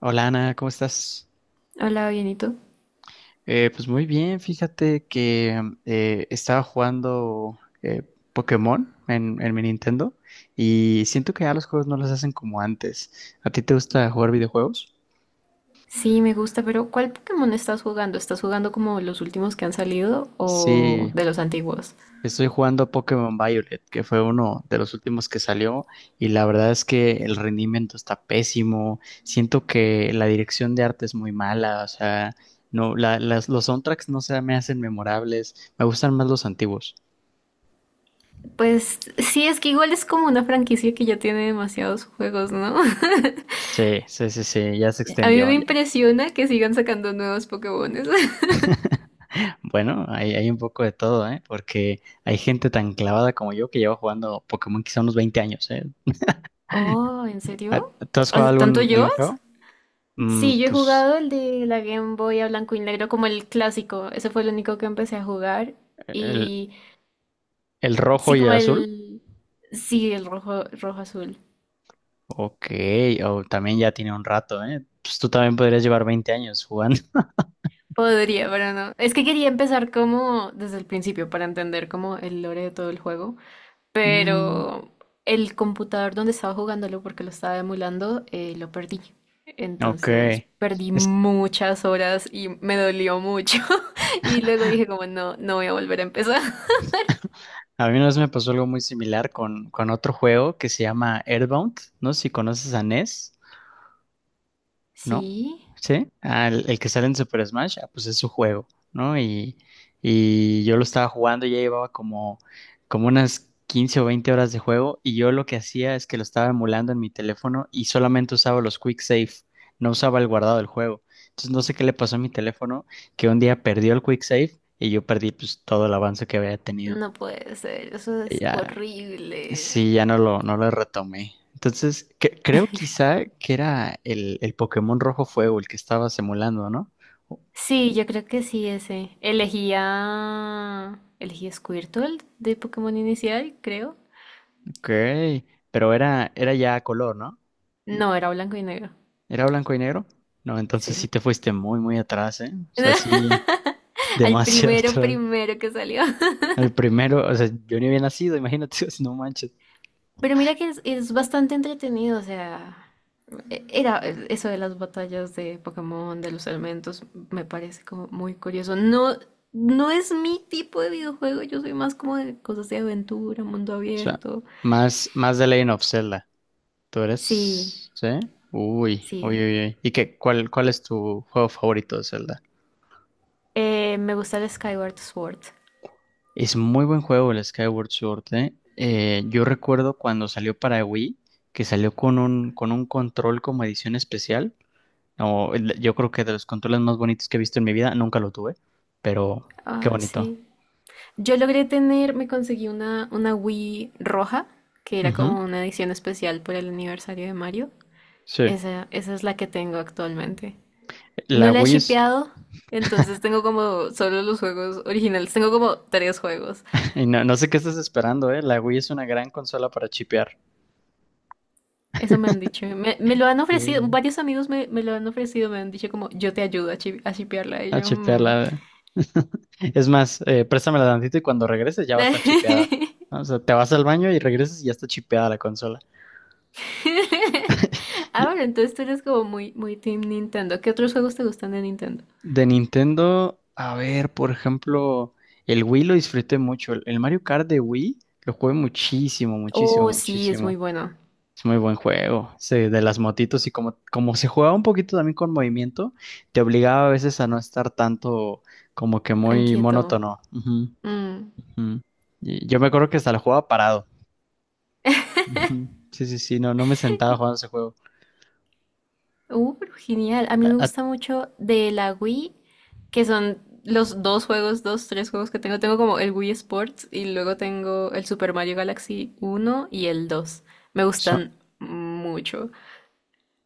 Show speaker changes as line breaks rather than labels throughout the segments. Hola Ana, ¿cómo estás?
Hola, bienito.
Pues muy bien, fíjate que estaba jugando Pokémon en mi Nintendo y siento que ya los juegos no los hacen como antes. ¿A ti te gusta jugar videojuegos?
Sí, me gusta, pero ¿cuál Pokémon estás jugando? ¿Estás jugando como los últimos que han salido o
Sí,
de los antiguos?
estoy jugando Pokémon Violet, que fue uno de los últimos que salió y la verdad es que el rendimiento está pésimo, siento que la dirección de arte es muy mala, o sea, no, los soundtracks no se me hacen memorables, me gustan más los antiguos.
Pues sí, es que igual es como una franquicia que ya tiene demasiados juegos, ¿no?
Sí, sí, sí, sí, ya se
A mí
extendió
me
ya.
impresiona que sigan sacando nuevos Pokémones.
Bueno, hay un poco de todo, ¿eh? Porque hay gente tan clavada como yo que lleva jugando Pokémon quizá unos 20 años, ¿eh?
Oh, ¿en
Ah,
serio?
¿tú has
O
jugado
sea, ¿tanto
algún
llevas?
juego?
Sí, yo he
Pues
jugado el de la Game Boy a blanco y negro como el clásico. Ese fue el único que empecé a jugar.
el,
Y
el rojo
sí,
y el
como
azul.
el... Sí, el rojo azul.
Ok, o también ya tiene un rato, ¿eh? Pues tú también podrías llevar 20 años jugando.
Podría, pero no. Es que quería empezar como desde el principio para entender como el lore de todo el juego,
Mm,
pero el computador donde estaba jugándolo porque lo estaba emulando, lo perdí.
ok.
Entonces perdí
Es,
muchas horas y me dolió mucho. Y luego dije como no, no voy a volver a empezar.
a mí una vez me pasó algo muy similar con otro juego que se llama Earthbound. No sé si conoces a NES. ¿No?
Sí,
¿Sí? Ah, el que sale en Super Smash, ah, pues es su juego, ¿no? Y yo lo estaba jugando, ya llevaba como unas 15 o 20 horas de juego y yo lo que hacía es que lo estaba emulando en mi teléfono y solamente usaba los quick save, no usaba el guardado del juego. Entonces no sé qué le pasó a mi teléfono, que un día perdió el quick save y yo perdí pues todo el avance que había tenido.
no puede ser, eso
Y
es
ya
horrible.
Sí, ya no lo, no lo retomé. Entonces, creo quizá que era el Pokémon Rojo Fuego el que estaba simulando, ¿no?
Sí, yo creo que sí, ese. Elegía... Elegí a Squirtle de Pokémon inicial, creo.
Ok, pero era ya a color, ¿no?
No, era blanco y negro.
¿Era blanco y negro? No, entonces sí
Sí.
te fuiste muy, muy atrás, ¿eh? O sea, sí,
Al
demasiado
primero,
atrás.
primero que salió.
El primero, o sea, yo ni había nacido, imagínate, no manches. O
Pero mira que es bastante entretenido, o sea, era eso de las batallas de Pokémon, de los elementos, me parece como muy curioso. No, no es mi tipo de videojuego, yo soy más como de cosas de aventura, mundo
sea,
abierto.
más, más de Legend of Zelda. ¿Tú
Sí,
eres? ¿Sí? Uy, uy,
sí.
uy, uy. ¿Y qué, cuál es tu juego favorito de Zelda?
Me gusta el Skyward Sword.
Es muy buen juego el Skyward Sword, ¿eh? Yo recuerdo cuando salió para Wii, que salió con un control como edición especial. No, yo creo que de los controles más bonitos que he visto en mi vida, nunca lo tuve, pero qué
Ah,
bonito.
sí. Yo logré tener, me conseguí una Wii roja, que era
Ujú,
como una edición especial por el aniversario de Mario.
sí.
Esa es la que tengo actualmente. No
La
la he
Wii es.
shipeado, entonces tengo como solo los juegos originales. Tengo como tres juegos.
Y no, no sé qué estás esperando, ¿eh? La Wii es una gran consola para chipear.
Eso me han dicho. Me lo han ofrecido,
Sí.
varios amigos me lo han ofrecido, me han dicho como yo te ayudo a, shipearla. Y
A
yo, "Mm".
chipearla. Es más, préstamela tantito y cuando regreses ya va a estar chipeada. O sea, te vas al baño y regresas y ya está chipeada la consola.
Ah, bueno, entonces tú eres como muy, muy Team Nintendo. ¿Qué otros juegos te gustan de Nintendo?
De Nintendo, a ver, por ejemplo, el Wii lo disfruté mucho. El Mario Kart de Wii lo jugué muchísimo, muchísimo,
Oh, sí, es muy
muchísimo.
bueno.
Es muy buen juego, ese de las motitos y como se jugaba un poquito también con movimiento, te obligaba a veces a no estar tanto como que
Tan
muy
quieto.
monótono. Ujú,
Mm.
ujú. Y yo me acuerdo que hasta lo jugaba parado. Ujú. Sí, sí, sí, no, no me sentaba jugando ese juego.
Pero genial. A mí
A-
me
a-
gusta mucho de la Wii, que son los dos juegos, dos, tres juegos que tengo. Tengo como el Wii Sports y luego tengo el Super Mario Galaxy uno y el dos. Me
so-
gustan mucho.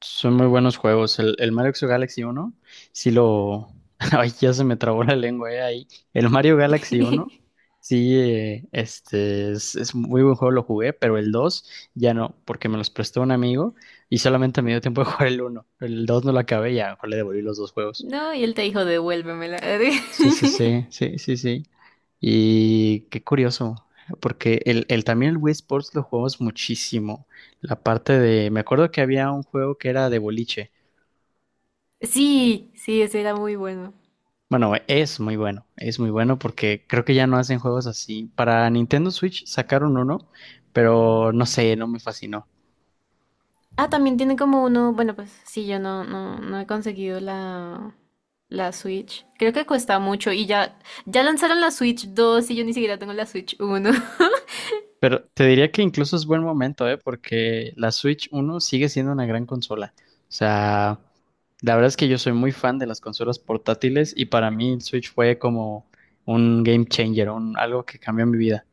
Son muy buenos juegos. El Mario Galaxy uno sí lo. Ay, ya se me trabó la lengua ahí. El Mario Galaxy uno sí, es muy buen juego, lo jugué, pero el 2 ya no, porque me los prestó un amigo y solamente me dio tiempo de jugar el uno. El 2 no lo acabé, ya mejor le devolví los dos juegos.
No, y él te dijo, devuélvemela.
Sí, sí, sí, sí, sí, sí. Y qué curioso, porque también el Wii Sports lo jugamos muchísimo. La parte de, me acuerdo que había un juego que era de boliche.
Sí, sí, ese era muy bueno.
Bueno, es muy bueno, es muy bueno porque creo que ya no hacen juegos así. Para Nintendo Switch sacaron uno, pero no sé, no me fascinó.
Ah, también tiene como uno, bueno, pues sí, yo no, no, no he conseguido la Switch. Creo que cuesta mucho y ya, ya lanzaron la Switch dos, y yo ni siquiera tengo la Switch uno.
Pero te diría que incluso es buen momento, ¿eh? Porque la Switch uno sigue siendo una gran consola. O sea, la verdad es que yo soy muy fan de las consolas portátiles y para mí el Switch fue como un game changer, algo que cambió mi vida.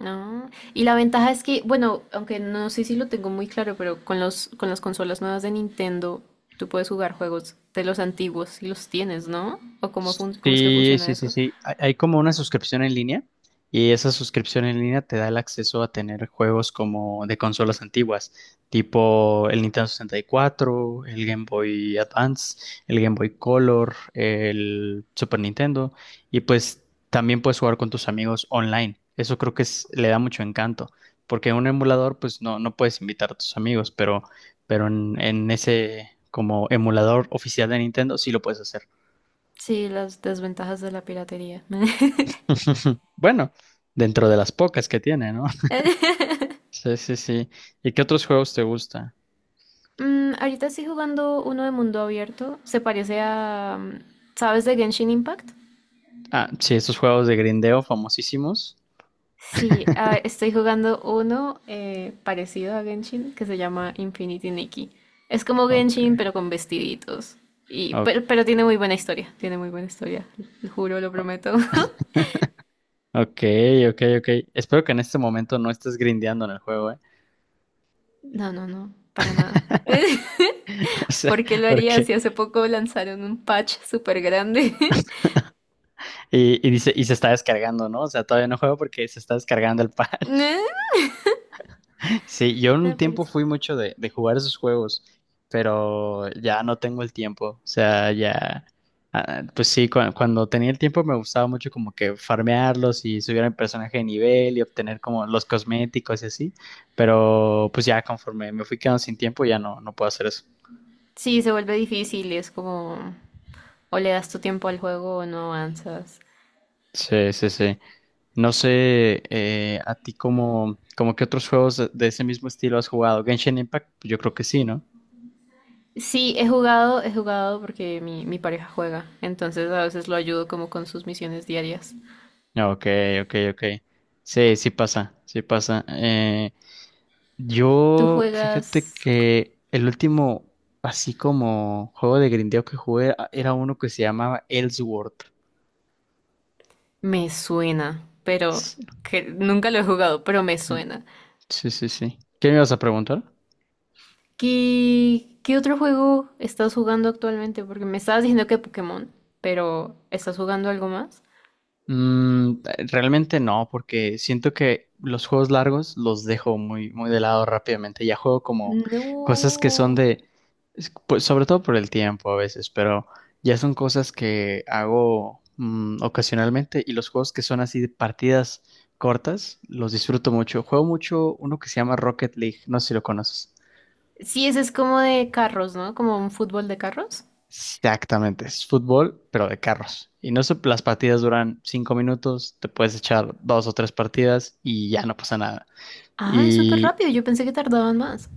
No, y la ventaja es que, bueno, aunque no sé si lo tengo muy claro, pero con con las consolas nuevas de Nintendo, tú puedes jugar juegos de los antiguos y los tienes, ¿no? ¿O cómo, cómo es que
Sí,
funciona
sí, sí,
eso?
sí. Hay como una suscripción en línea y esa suscripción en línea te da el acceso a tener juegos como de consolas antiguas, tipo el Nintendo 64, el Game Boy Advance, el Game Boy Color, el Super Nintendo y pues también puedes jugar con tus amigos online. Eso creo que le da mucho encanto, porque en un emulador pues no, no puedes invitar a tus amigos, pero, en, ese como emulador oficial de Nintendo sí lo puedes hacer.
Sí, las desventajas de la piratería.
Bueno, dentro de las pocas que tiene, ¿no? Sí, sí, sí. ¿Y qué otros juegos te gusta?
Mm, ahorita estoy jugando uno de mundo abierto. Se parece a... mm, ¿sabes de Genshin Impact?
Ah, sí, esos juegos de grindeo famosísimos.
Sí, ah, estoy jugando uno parecido a Genshin que se llama Infinity Nikki. Es como
Ok,
Genshin, pero con vestiditos. Y,
o-
pero tiene muy buena historia. Tiene muy buena historia. Lo juro, lo
o-
prometo.
ok, ok, ok. Espero que en este momento no estés grindeando en el juego, ¿eh?
No, no, no. Para nada.
O sea,
¿Por qué lo haría
porque.
si hace poco lanzaron un patch súper grande?
Y dice, y se está descargando, ¿no? O sea, todavía no juego porque se está descargando el patch.
No,
Sí, yo un
me
tiempo
parece.
fui mucho de jugar esos juegos, pero ya no tengo el tiempo. O sea, ya, ah, pues sí, cuando tenía el tiempo me gustaba mucho como que farmearlos y subir el personaje de nivel y obtener como los cosméticos y así, pero pues ya conforme me fui quedando sin tiempo ya no, no puedo hacer eso.
Sí, se vuelve difícil. Es como... o le das tu tiempo al juego o no avanzas.
Sí, sí, sí. No sé, a ti como, qué otros juegos de ese mismo estilo has jugado. Genshin Impact, pues yo creo que sí, ¿no?
Sí, he jugado porque mi pareja juega, entonces a veces lo ayudo como con sus misiones diarias.
Ok, ok, ok. Sí, sí pasa, sí pasa.
¿Tú
Yo, fíjate
juegas?
que el último, así como juego de grindeo que jugué, era uno que se llamaba Ellsworth.
Me suena, pero
S-
que nunca lo he jugado, pero me
no,
suena.
sí, sí, sí. ¿Qué me ibas a preguntar?
¿Qué, qué otro juego estás jugando actualmente? Porque me estabas diciendo que Pokémon, pero ¿estás jugando algo más?
Mm, realmente no, porque siento que los juegos largos los dejo muy, muy de lado rápidamente. Ya juego como cosas que son
No.
de, pues, sobre todo por el tiempo a veces, pero ya son cosas que hago ocasionalmente y los juegos que son así de partidas cortas los disfruto mucho. Juego mucho uno que se llama Rocket League, no sé si lo conoces.
Sí, ese es como de carros, ¿no? Como un fútbol de carros.
Exactamente, es fútbol, pero de carros. Y no se- las partidas duran 5 minutos, te puedes echar dos o tres partidas y ya no pasa nada.
Ah, es súper
Y
rápido, yo pensé que tardaban más.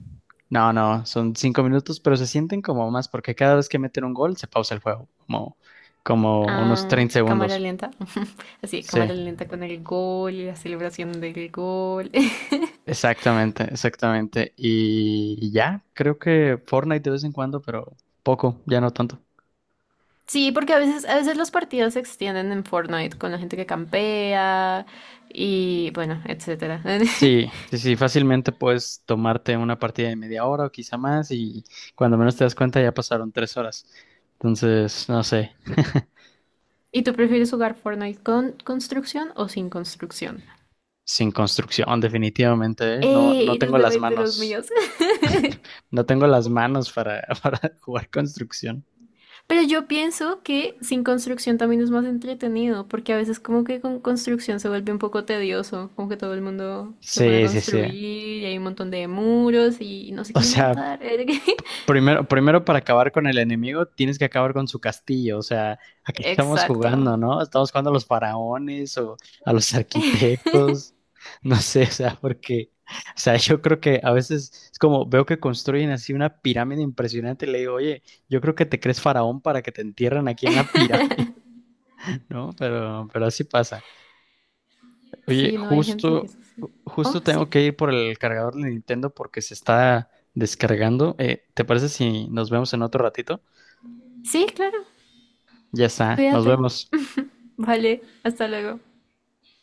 no, no, son 5 minutos, pero se sienten como más, porque cada vez que meten un gol se pausa el juego, como, unos
Ah,
treinta
cámara
segundos.
lenta. Así,
Sí,
cámara lenta con el gol y la celebración del gol.
exactamente, exactamente. Y ya, creo que Fortnite de vez en cuando, pero poco, ya no tanto.
Sí, porque a veces los partidos se extienden en Fortnite con la gente que campea y bueno, etcétera.
Sí, sí, sí, fácilmente puedes tomarte una partida de media hora o quizá más y cuando menos te das cuenta ya pasaron 3 horas. Entonces, no sé,
¿Y tú prefieres jugar Fortnite con construcción o sin construcción?
sin construcción definitivamente, ¿eh? No,
¡Eh!
no
Eres
tengo las
de los
manos,
míos.
no tengo las manos para, para jugar construcción.
Pero yo pienso que sin construcción también es más entretenido, porque a veces como que con construcción se vuelve un poco tedioso, como que todo el mundo se pone a
Sí, sí, sí.
construir y hay un montón de muros y no se
O
quieren
sea,
matar.
primero, primero para acabar con el enemigo, tienes que acabar con su castillo. O sea, aquí estamos
Exacto.
jugando, ¿no? Estamos jugando a los faraones o a los arquitectos. No sé, o sea, porque, o sea, yo creo que a veces es como veo que construyen así una pirámide impresionante y le digo, oye, yo creo que te crees faraón para que te entierren aquí en la pirámide, ¿no? Pero, así pasa. Oye,
Sí, no hay gente que
justo,
es así. Oh,
justo
sí.
tengo que ir por el cargador de Nintendo porque se está descargando. ¿Te parece si nos vemos en otro ratito?
Sí, claro.
Ya está, nos
Cuídate.
vemos.
Vale, hasta luego.